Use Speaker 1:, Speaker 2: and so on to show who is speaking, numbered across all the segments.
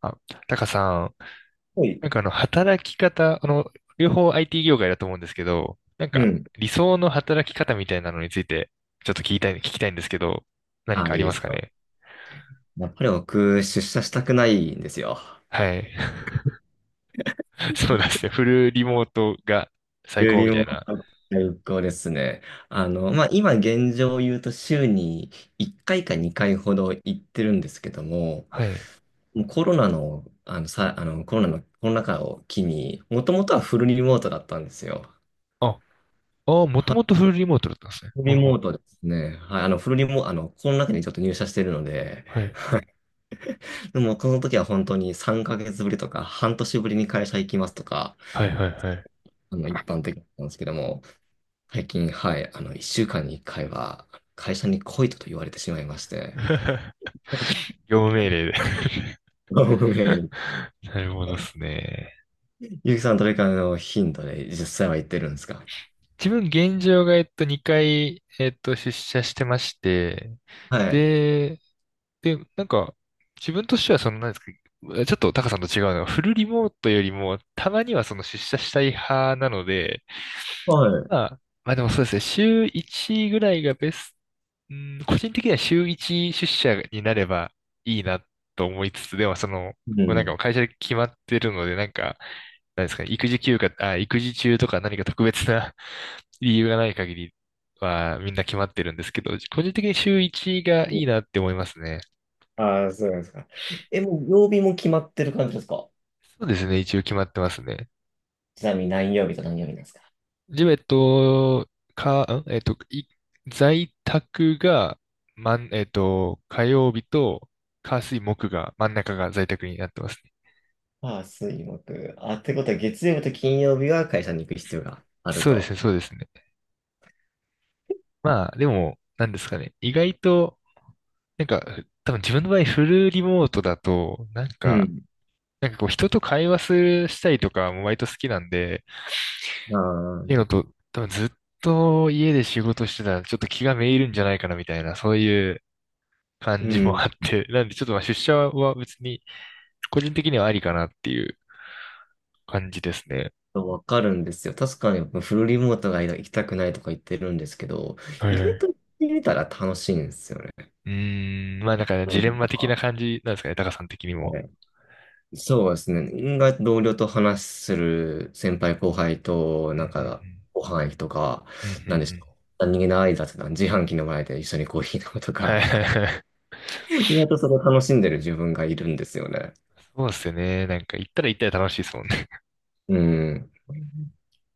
Speaker 1: あ、タカさん、
Speaker 2: はい。
Speaker 1: 働き方、両方 IT 業界だと思うんですけど、
Speaker 2: うん。
Speaker 1: 理想の働き方みたいなのについて、ちょっと聞きたいんですけど、何
Speaker 2: ああ、
Speaker 1: かあ
Speaker 2: いい
Speaker 1: り
Speaker 2: で
Speaker 1: ま
Speaker 2: す
Speaker 1: すか
Speaker 2: か。
Speaker 1: ね。
Speaker 2: やっぱり僕、出社したくないんですよ。
Speaker 1: はい。そうですね。フルリモートが最
Speaker 2: よ
Speaker 1: 高
Speaker 2: り
Speaker 1: みた
Speaker 2: も
Speaker 1: いな。
Speaker 2: 最高ですね。
Speaker 1: うん、
Speaker 2: まあ、今現状を言うと週に1回か2回ほど行ってるんですけども、
Speaker 1: はい。
Speaker 2: もうコロナの、あの、さ、あの、コロナの、コロナ禍を機に、もともとはフルリモートだったんですよ。
Speaker 1: あ、もと
Speaker 2: はい。
Speaker 1: もとフルリモートだったんですね。
Speaker 2: フ
Speaker 1: ほん
Speaker 2: ルリモ
Speaker 1: ほ
Speaker 2: ートですね。はい、フルリモート、コロナ禍にちょっと入社してるので、
Speaker 1: んはい。
Speaker 2: でも、この時は本当に3ヶ月ぶりとか、半年ぶりに会社行きますとか、
Speaker 1: はいはいはい。
Speaker 2: 一般的なんですけども、最近、はい、一週間に一回は、会社に来いとと言われてしまいまして、
Speaker 1: 業務命令で。
Speaker 2: ごめん。
Speaker 1: なるほどですね。
Speaker 2: ゆきさん、どれかの頻度で実際は行ってるんですか？
Speaker 1: 自分現状が、2回、出社してまして、
Speaker 2: はい。
Speaker 1: で、で、なんか、自分としてはその、なんですか、ちょっとタカさんと違うのは、フルリモートよりも、たまにはその出社したい派なので、
Speaker 2: はい。
Speaker 1: まあでもそうですね、週1ぐらいがベスト、うん、個人的には週1出社になればいいなと思いつつ、でもその、
Speaker 2: う
Speaker 1: もうなんかも
Speaker 2: ん。
Speaker 1: う会社で決まってるので、なんか、なんですかね、育児休暇、あ、育児中とか何か特別な 理由がない限りはみんな決まってるんですけど、個人的に週1がいいなって思いますね。
Speaker 2: ああ、そうなんですか。え、もう曜日も決まってる感じですか？
Speaker 1: そうですね、一応決まってますね。
Speaker 2: ちなみに何曜日と何曜日なんですか？
Speaker 1: ジム、えっと、か、んえっと、い、在宅が、まん、えっと、火曜日と、火水木が、真ん中が在宅になってますね。
Speaker 2: ああ、水木。あ、ってことは月曜日と金曜日は会社に行く必要がある
Speaker 1: そうです
Speaker 2: と。
Speaker 1: ね、そうですね。まあ、でも、なんですかね。意外と、なんか、多分自分の場合、フルリモートだと、なん
Speaker 2: う
Speaker 1: か、
Speaker 2: ん。
Speaker 1: なんかこう、人と会話する、したりとかも割と好きなんで、っ
Speaker 2: あ
Speaker 1: ていう
Speaker 2: あ。
Speaker 1: のと、多分ずっと家で仕事してたら、ちょっと気がめいるんじゃないかな、みたいな、そういう、
Speaker 2: う
Speaker 1: 感じも
Speaker 2: ん。
Speaker 1: あって、なんでちょっとまあ出社は別に個人的にはありかなっていう感じですね。
Speaker 2: わかるんですよ。確かにフルリモートが行きたくないとか言ってるんですけど、
Speaker 1: はい
Speaker 2: 意
Speaker 1: は
Speaker 2: 外
Speaker 1: い。
Speaker 2: と行ってみたら楽しいんですよね。
Speaker 1: うーん、まあなんかね
Speaker 2: う
Speaker 1: ジ
Speaker 2: ん。
Speaker 1: レンマ的な感じなんですかね、タカさん的に
Speaker 2: は
Speaker 1: も。
Speaker 2: い。そうですね。意同僚と話する先輩後輩と、
Speaker 1: う
Speaker 2: なんか、
Speaker 1: ん
Speaker 2: ご飯行くとか、
Speaker 1: うんうん。うんうんう
Speaker 2: なんでし
Speaker 1: ん。
Speaker 2: ょう。何気ない雑談、自販機の前で一緒にコーヒー飲むと
Speaker 1: は
Speaker 2: か、
Speaker 1: いはいはい。
Speaker 2: 意外とそれを楽しんでる自分がいるんですよね。
Speaker 1: そうですよね。なんか行ったら楽しいですもんね。
Speaker 2: うん。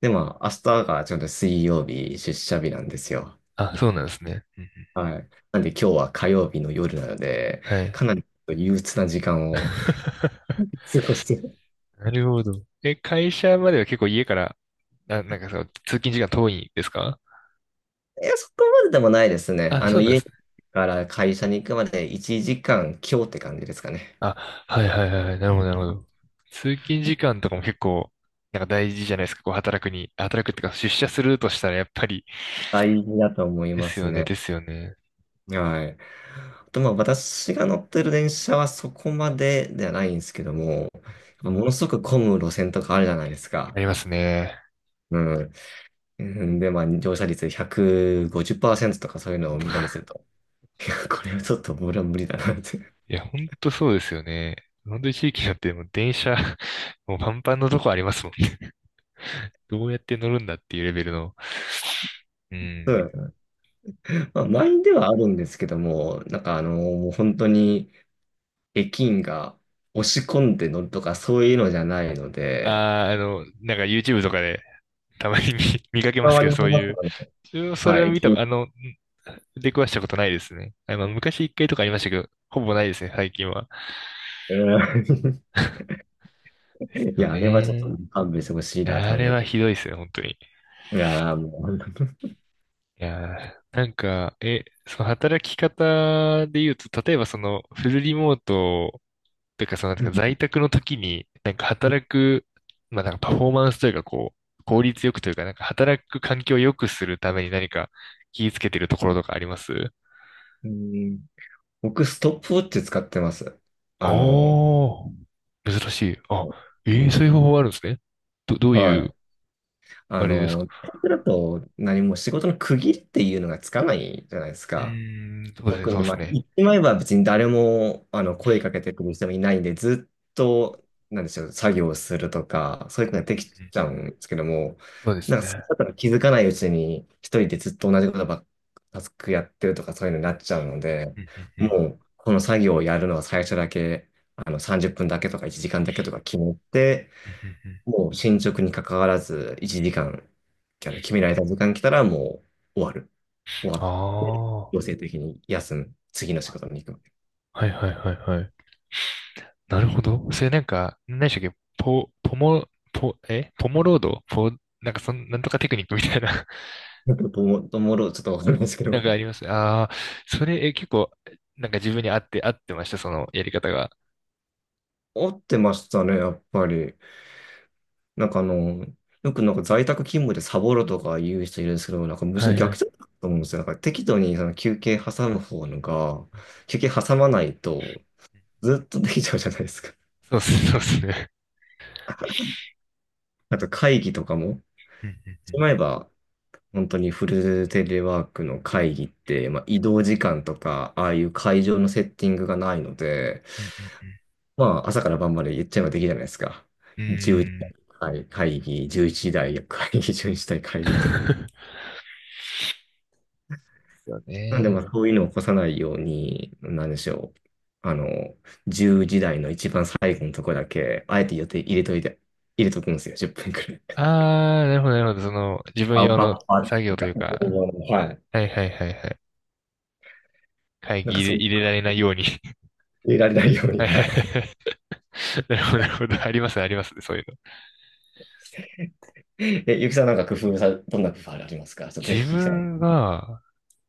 Speaker 2: で、まあ、明日がちょうど水曜日、出社日なんですよ。
Speaker 1: あ、そうなんですね。うんう
Speaker 2: はい。なんで今日は火曜日の夜なので、
Speaker 1: ん、はい。
Speaker 2: かなり憂鬱な時間を 過ごしてる。
Speaker 1: なるほど。え、会社までは結構家から、なんかそう、通勤時間遠いんですか。
Speaker 2: いや、そこまででもないですね。
Speaker 1: あ、そうなんで
Speaker 2: 家
Speaker 1: すね。
Speaker 2: から会社に行くまで1時間強って感じですかね。
Speaker 1: あ、はいはいはいはい。なるほど、なるほど。通勤時間とかも結構、なんか大事じゃないですか。こう働くっていうか出社するとしたらやっぱり、
Speaker 2: 大事だと思い
Speaker 1: で
Speaker 2: ま
Speaker 1: す
Speaker 2: す
Speaker 1: よね、
Speaker 2: ね。
Speaker 1: ですよね。
Speaker 2: はい。あと、まあ、私が乗ってる電車はそこまでではないんですけども、ものすごく混む路線とかあるじゃないです
Speaker 1: あ
Speaker 2: か。
Speaker 1: りますね。
Speaker 2: うん。うんで、まあ、乗車率150%とかそういうのを見たりすると、いや、これはちょっと俺は無理だなって。
Speaker 1: いや、ほんとそうですよね。本当に地域によってもう電車、もうパンパンのとこありますもんね。どうやって乗るんだっていうレベルの。う
Speaker 2: う
Speaker 1: ん。
Speaker 2: ん。まあ、満員ではあるんですけども、もう本当に駅員が押し込んで乗るとかそういうのじゃないの
Speaker 1: あ
Speaker 2: で、
Speaker 1: あ、あの、なんか YouTube とかで、たまに見、見かけます
Speaker 2: わ
Speaker 1: け
Speaker 2: り
Speaker 1: ど、
Speaker 2: ま
Speaker 1: そうい
Speaker 2: す。
Speaker 1: う。自分はそれ
Speaker 2: は
Speaker 1: は
Speaker 2: い、
Speaker 1: 見
Speaker 2: 駅
Speaker 1: た、
Speaker 2: 員、
Speaker 1: あの、ん出くわしたことないですね。あ、まあ、昔一回とかありましたけど、ほぼないですね、最近は。
Speaker 2: うん。
Speaker 1: です
Speaker 2: い
Speaker 1: よ
Speaker 2: や、あれはちょっと
Speaker 1: ね。
Speaker 2: 勘弁してほしいな、
Speaker 1: あ
Speaker 2: 単
Speaker 1: れ
Speaker 2: 純
Speaker 1: はひどいですね、本当に。
Speaker 2: に。いやー、もう、
Speaker 1: いやー、なんか、え、その働き方で言うと、例えばそのフルリモートというか、そのなんか在宅の時に、なんか働く、まあなんかパフォーマンスというか、こう、効率よくというか、なんか働く環境を良くするために何か気をつけてるところとかあります。
Speaker 2: うん、僕、ストップウォッチ使ってます。
Speaker 1: あ
Speaker 2: あの、
Speaker 1: あ、珍しい。あ、ええ、そういう方法があるんですね。どうい
Speaker 2: は
Speaker 1: う、
Speaker 2: い。
Speaker 1: あれですか。
Speaker 2: タイプだと何も仕事の区切りっていうのがつかないじゃないです
Speaker 1: う
Speaker 2: か。
Speaker 1: ーん、そうですね、
Speaker 2: 特
Speaker 1: そう
Speaker 2: に、
Speaker 1: で
Speaker 2: ま
Speaker 1: す
Speaker 2: あ、
Speaker 1: ね。
Speaker 2: 言ってまえば別に誰もあの声かけてくる人もいないんで、ずっと、なんでしょう、作業するとか、そういうことができ
Speaker 1: うん、
Speaker 2: ちゃうんですけども、
Speaker 1: そうで
Speaker 2: な
Speaker 1: す
Speaker 2: んか、それ
Speaker 1: ね。
Speaker 2: だったら気づかないうちに、一人でずっと同じことばっか、タスクやってるとか、そういうのになっちゃうので、
Speaker 1: うんうんうん、
Speaker 2: もう、この作業をやるのは最初だけ、30分だけとか1時間だけとか決めて、
Speaker 1: うんうんうん、
Speaker 2: もう進捗に関わらず、1時間、あの決められた時間来たらもう終わる。終
Speaker 1: あ
Speaker 2: わ
Speaker 1: あ、は
Speaker 2: 強制的に休む。次の仕事に行くわけ。
Speaker 1: いはいはいはい。なるほど。それなんか、何でしたっけ、ポモロードポ、なんかそん、なんとかテクニックみたいな。
Speaker 2: どう、ともろちょっとわかるんないですけど。
Speaker 1: なん かありますね。ああ、それ、え、結構、なんか自分に合ってました、そのやり方が。
Speaker 2: 合ってましたね、やっぱり。なんかあの、よくなんか在宅勤務でサボるとか言う人いるんですけど、なんかむし
Speaker 1: は
Speaker 2: ろ
Speaker 1: いは
Speaker 2: 逆
Speaker 1: い。
Speaker 2: だと思うんですよ。なんか適度にその休憩挟む方のが、休憩挟まないとずっとできちゃうじゃないですか。
Speaker 1: そうっす、そうですね。
Speaker 2: あと会議とかも、
Speaker 1: うんうんう
Speaker 2: し
Speaker 1: ん、
Speaker 2: まえば、本当にフルテレワークの会議って、まあ、移動時間とか、ああいう会場のセッティングがないので、
Speaker 1: うんうんうん、
Speaker 2: まあ、朝から晩まで言っちゃえばできるじゃないですか。
Speaker 1: う
Speaker 2: 10時
Speaker 1: ーん。
Speaker 2: 会議、11時台 会
Speaker 1: で
Speaker 2: 議っていうの。
Speaker 1: すよ
Speaker 2: なんで、ま
Speaker 1: ね。
Speaker 2: あ、そういうのを起こさないように、なんでしょう。あの、10時台の一番最後のところだけ、あえて予定入れといて、入れとくんですよ、10分くらい。
Speaker 1: ああ、なるほど、なるほど。その、自分
Speaker 2: あ、
Speaker 1: 用
Speaker 2: バッ
Speaker 1: の
Speaker 2: ファーって
Speaker 1: 作
Speaker 2: い
Speaker 1: 業
Speaker 2: う
Speaker 1: とい
Speaker 2: か、
Speaker 1: うか、
Speaker 2: はい。
Speaker 1: はいはいはいはい。会
Speaker 2: なん
Speaker 1: 議
Speaker 2: か、
Speaker 1: 入れ、
Speaker 2: その、
Speaker 1: 入れられないように。
Speaker 2: 入れられないように、
Speaker 1: はいは
Speaker 2: は
Speaker 1: い
Speaker 2: い。
Speaker 1: はいはい、なるほど、なるほど。ありますね、ありますね、そういうの。
Speaker 2: え、ゆきさんなんか工夫さ、どんな工夫ありますか？ちょっとぜ
Speaker 1: 自
Speaker 2: ひ聞きたい。
Speaker 1: 分が、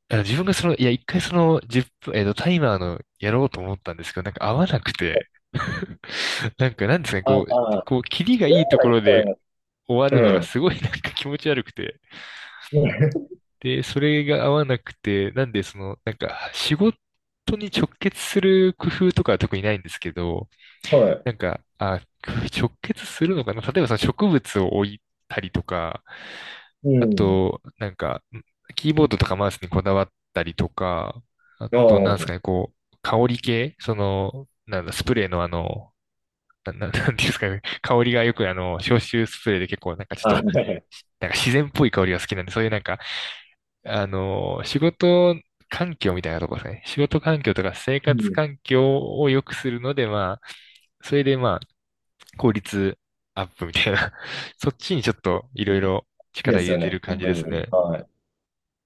Speaker 1: 自分がその、いや、一回その、1分、タイマーのやろうと思ったんですけど、なんか合わなくて、なんか、なんですかね、
Speaker 2: あ
Speaker 1: こう、
Speaker 2: あ、
Speaker 1: こう、キリが
Speaker 2: 夜
Speaker 1: いいと
Speaker 2: はいろ
Speaker 1: こ
Speaker 2: い
Speaker 1: ろ
Speaker 2: と思
Speaker 1: で
Speaker 2: います。
Speaker 1: 終わるのがすごいなんか気持ち悪くて、
Speaker 2: うん。
Speaker 1: で、それが合わなくて、なんでその、なんか仕事に直結する工夫とかは特にないんですけど、
Speaker 2: はい。
Speaker 1: なんか、あ、直結するのかな、例えばその植物を置いたりとか、
Speaker 2: う
Speaker 1: あ
Speaker 2: ん。
Speaker 1: と、なんか、キーボードとかマウスにこだわったりとか、あ
Speaker 2: お
Speaker 1: と、なんですか
Speaker 2: ー、
Speaker 1: ね、こう、香り系その、なんだ、スプレーのあの、なんていうんですかね、香りがよくあの、消臭スプレーで結構なんかちょっ
Speaker 2: はい。
Speaker 1: と、なんか自然っぽい香りが好きなんで、そういうなんか、あの、仕事環境みたいなとこですね。仕事環境とか生
Speaker 2: う
Speaker 1: 活
Speaker 2: ん。好
Speaker 1: 環境を良くするので、まあ、それでまあ、効率アップみたいな、そっちにちょっといろいろ
Speaker 2: きで
Speaker 1: 力入
Speaker 2: すよ
Speaker 1: れ
Speaker 2: ね、
Speaker 1: てる感
Speaker 2: 本
Speaker 1: じ
Speaker 2: 当
Speaker 1: です
Speaker 2: に。
Speaker 1: ね。
Speaker 2: はい。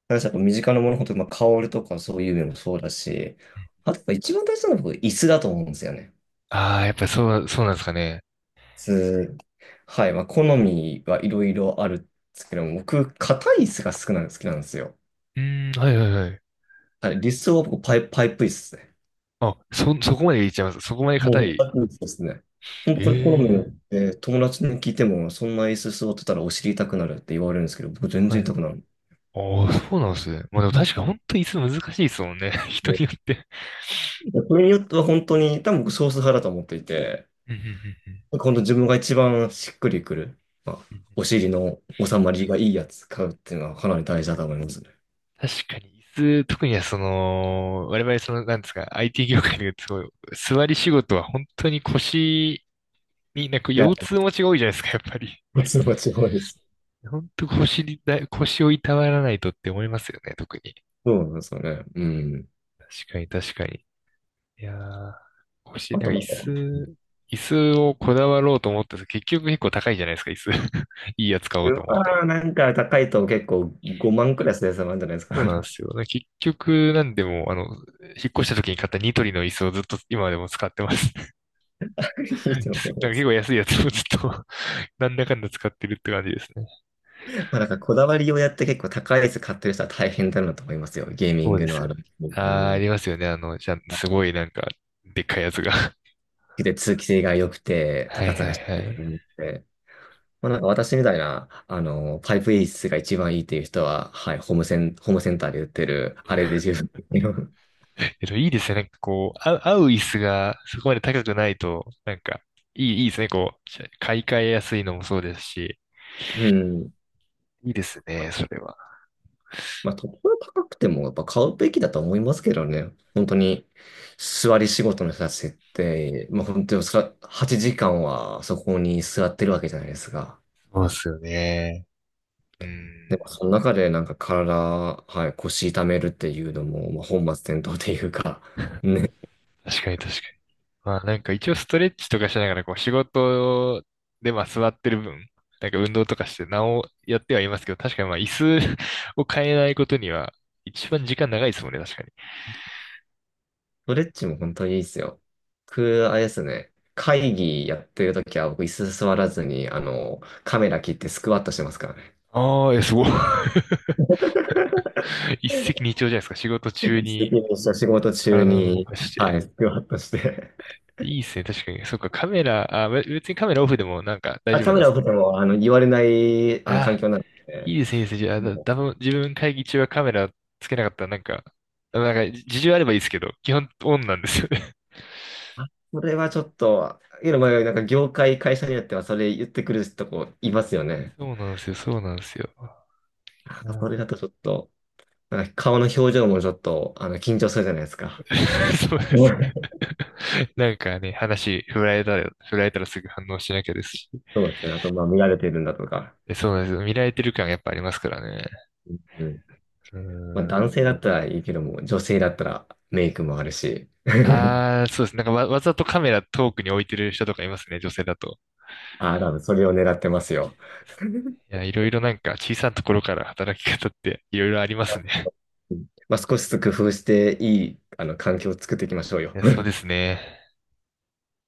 Speaker 2: 私、やっぱ身近なもの、本当に、まあ、香りとかそういうのもそうだし、あと、やっぱ一番大事なのは僕、椅子だと思うんですよね。
Speaker 1: ああ、やっぱりそう、そうなんですかね。
Speaker 2: 椅子。はい。まあ、好みはいろいろあるんですけども、僕、硬い椅子が好きなんですよ。
Speaker 1: うーん、はいはいはい。
Speaker 2: はい。理想は僕、パイプ椅子ですね。
Speaker 1: あ、そこまで言っちゃいます。そこまで硬
Speaker 2: もう、
Speaker 1: い。
Speaker 2: パイプ椅子ですね。本当これ好みによ
Speaker 1: え
Speaker 2: っ
Speaker 1: え、
Speaker 2: て、友達に聞いても、そんな椅子座ってたらお尻痛くなるって言われるんですけど、僕、全
Speaker 1: は
Speaker 2: 然
Speaker 1: い。
Speaker 2: 痛くなる。
Speaker 1: ああ、そうなんですね。まあでも確か
Speaker 2: ね、
Speaker 1: 本当に椅子難しいですもんね。人によって。
Speaker 2: それによっては本当に、多分僕少数派だと思っていて、
Speaker 1: うんうんうん
Speaker 2: 本当自分が一番しっくりくる、まあ、
Speaker 1: うん、
Speaker 2: お尻の収まりがいいやつ買うっていうのはかなり大事だと思いますね。
Speaker 1: 確かに、椅子、特にはその、我々その、なんですか、IT 業界ですごい、座り仕事は本当に腰に、なんか
Speaker 2: いや、
Speaker 1: 腰痛持ちが多いじゃないですか、やっぱり。
Speaker 2: それは違いです。
Speaker 1: 本当腰にだ、腰をいたわらないとって思いますよね、特に。
Speaker 2: そうなんですよね。うん。
Speaker 1: 確かに、確かに。いやー、腰、
Speaker 2: あ
Speaker 1: なん
Speaker 2: と
Speaker 1: か
Speaker 2: な
Speaker 1: 椅
Speaker 2: んか、
Speaker 1: 子、椅子をこだわろうと思ったら結局結構高いじゃないですか、椅子。いいやつ買お
Speaker 2: う
Speaker 1: うと思うと。
Speaker 2: わーなんか高いと結構5万くらいするやつもあるんじゃないですか。
Speaker 1: そうなんですよね。結局、なんでも、あの、引っ越した時に買ったニトリの椅子をずっと今でも使ってます。
Speaker 2: いいと思
Speaker 1: だか
Speaker 2: い
Speaker 1: ら
Speaker 2: ま
Speaker 1: 結
Speaker 2: す。
Speaker 1: 構安いやつをずっと なんだかんだ使ってるって感じですね。
Speaker 2: まあなんかこだわりをやって結構高いやつ買ってる人は大変だなと思いますよ。ゲーミン
Speaker 1: そう
Speaker 2: グ
Speaker 1: で
Speaker 2: の
Speaker 1: す
Speaker 2: あ
Speaker 1: よ。
Speaker 2: る業界
Speaker 1: あー、あ
Speaker 2: に。
Speaker 1: りますよね。あの、じゃあすごいなんか、でっかいやつが。
Speaker 2: で、通気性が良く て、
Speaker 1: はい
Speaker 2: 高さ
Speaker 1: はい
Speaker 2: がし
Speaker 1: は
Speaker 2: っかりあ
Speaker 1: い。
Speaker 2: って。まあ、なんか私みたいな、パイプ演出が一番いいっていう人は、はい、ホームセンターで売ってる、あれで十分。
Speaker 1: えっと、いいですね。なんかこう、あ、合う椅子がそこまで高くないと、なんか、いいですね。こう、買い替えやすいのもそうですし。
Speaker 2: うん。
Speaker 1: いいですね、それは。
Speaker 2: まあ、ところ高くても、やっぱ買うべきだと思いますけどね。本当に、座り仕事の人たちって、まあ、本当にそら8時間はそこに座ってるわけじゃないですか。
Speaker 1: そうですよね。う
Speaker 2: でも、
Speaker 1: ん。
Speaker 2: その中でなんか体、はい、腰痛めるっていうのも、まあ、本末転倒っていうか、ね。
Speaker 1: 確かに確かに。まあなんか一応ストレッチとかしながらこう仕事でまあ座ってる分、なんか運動とかしてなおやってはいますけど、確かにまあ椅子 を変えないことには一番時間長いですもんね、確かに。
Speaker 2: ストレッチも本当にいいですよ。僕、あれですね、会議やってるときは僕椅子座らずに、カメラ切ってスクワットしてますからね。
Speaker 1: ああ、え、すごい。一石二鳥じゃないですか。仕事
Speaker 2: 一
Speaker 1: 中
Speaker 2: 石
Speaker 1: に
Speaker 2: 二鳥仕事中
Speaker 1: 体を動
Speaker 2: に、
Speaker 1: かし
Speaker 2: は
Speaker 1: て。
Speaker 2: い、スクワットして。
Speaker 1: いいですね、確かに。そっか、カメラ、あ、別にカメラオフでもなんか大
Speaker 2: あ、
Speaker 1: 丈夫
Speaker 2: カ
Speaker 1: な
Speaker 2: メ
Speaker 1: んで
Speaker 2: ラを
Speaker 1: す
Speaker 2: 撮っ
Speaker 1: ね。
Speaker 2: ても、言われない、環
Speaker 1: あ、
Speaker 2: 境なの
Speaker 1: い
Speaker 2: で、
Speaker 1: いですね、いいですね。じゃあ、だ、だ
Speaker 2: も
Speaker 1: ぶ自分会議中はカメラつけなかったらなんか、なんか事情あればいいですけど、基本オンなんですよね。
Speaker 2: う、それはちょっと、いや、まなんか業界、会社によってはそれ言ってくるとこいますよね。
Speaker 1: そうなんですよ、そうなんですよ。う
Speaker 2: あ、そ
Speaker 1: ん。
Speaker 2: れだとちょっと、なんか顔の表情もちょっと、緊張するじゃないですか。
Speaker 1: そうで
Speaker 2: う
Speaker 1: す
Speaker 2: ん。
Speaker 1: ね。なんかね、話振られたら、振られたらすぐ反応しなきゃですし。
Speaker 2: そうですね。あと、まあ、見られてるんだとか。
Speaker 1: えそうなんですよ。見られてる感がやっぱありますからね。
Speaker 2: うん。
Speaker 1: う
Speaker 2: まあ
Speaker 1: ん。
Speaker 2: 男性だったらいいけども、女性だったらメイクもあるし。
Speaker 1: ああ、そうです。わざとカメラ遠くに置いてる人とかいますね、女性だと。
Speaker 2: ああ、多分それを狙ってますよ。
Speaker 1: ですね。いや、いろいろなんか小さなところから働き方っていろいろありますね。
Speaker 2: うん。まあ少しずつ工夫していい、環境を作っていきましょう
Speaker 1: い
Speaker 2: よ。
Speaker 1: や、そうですね。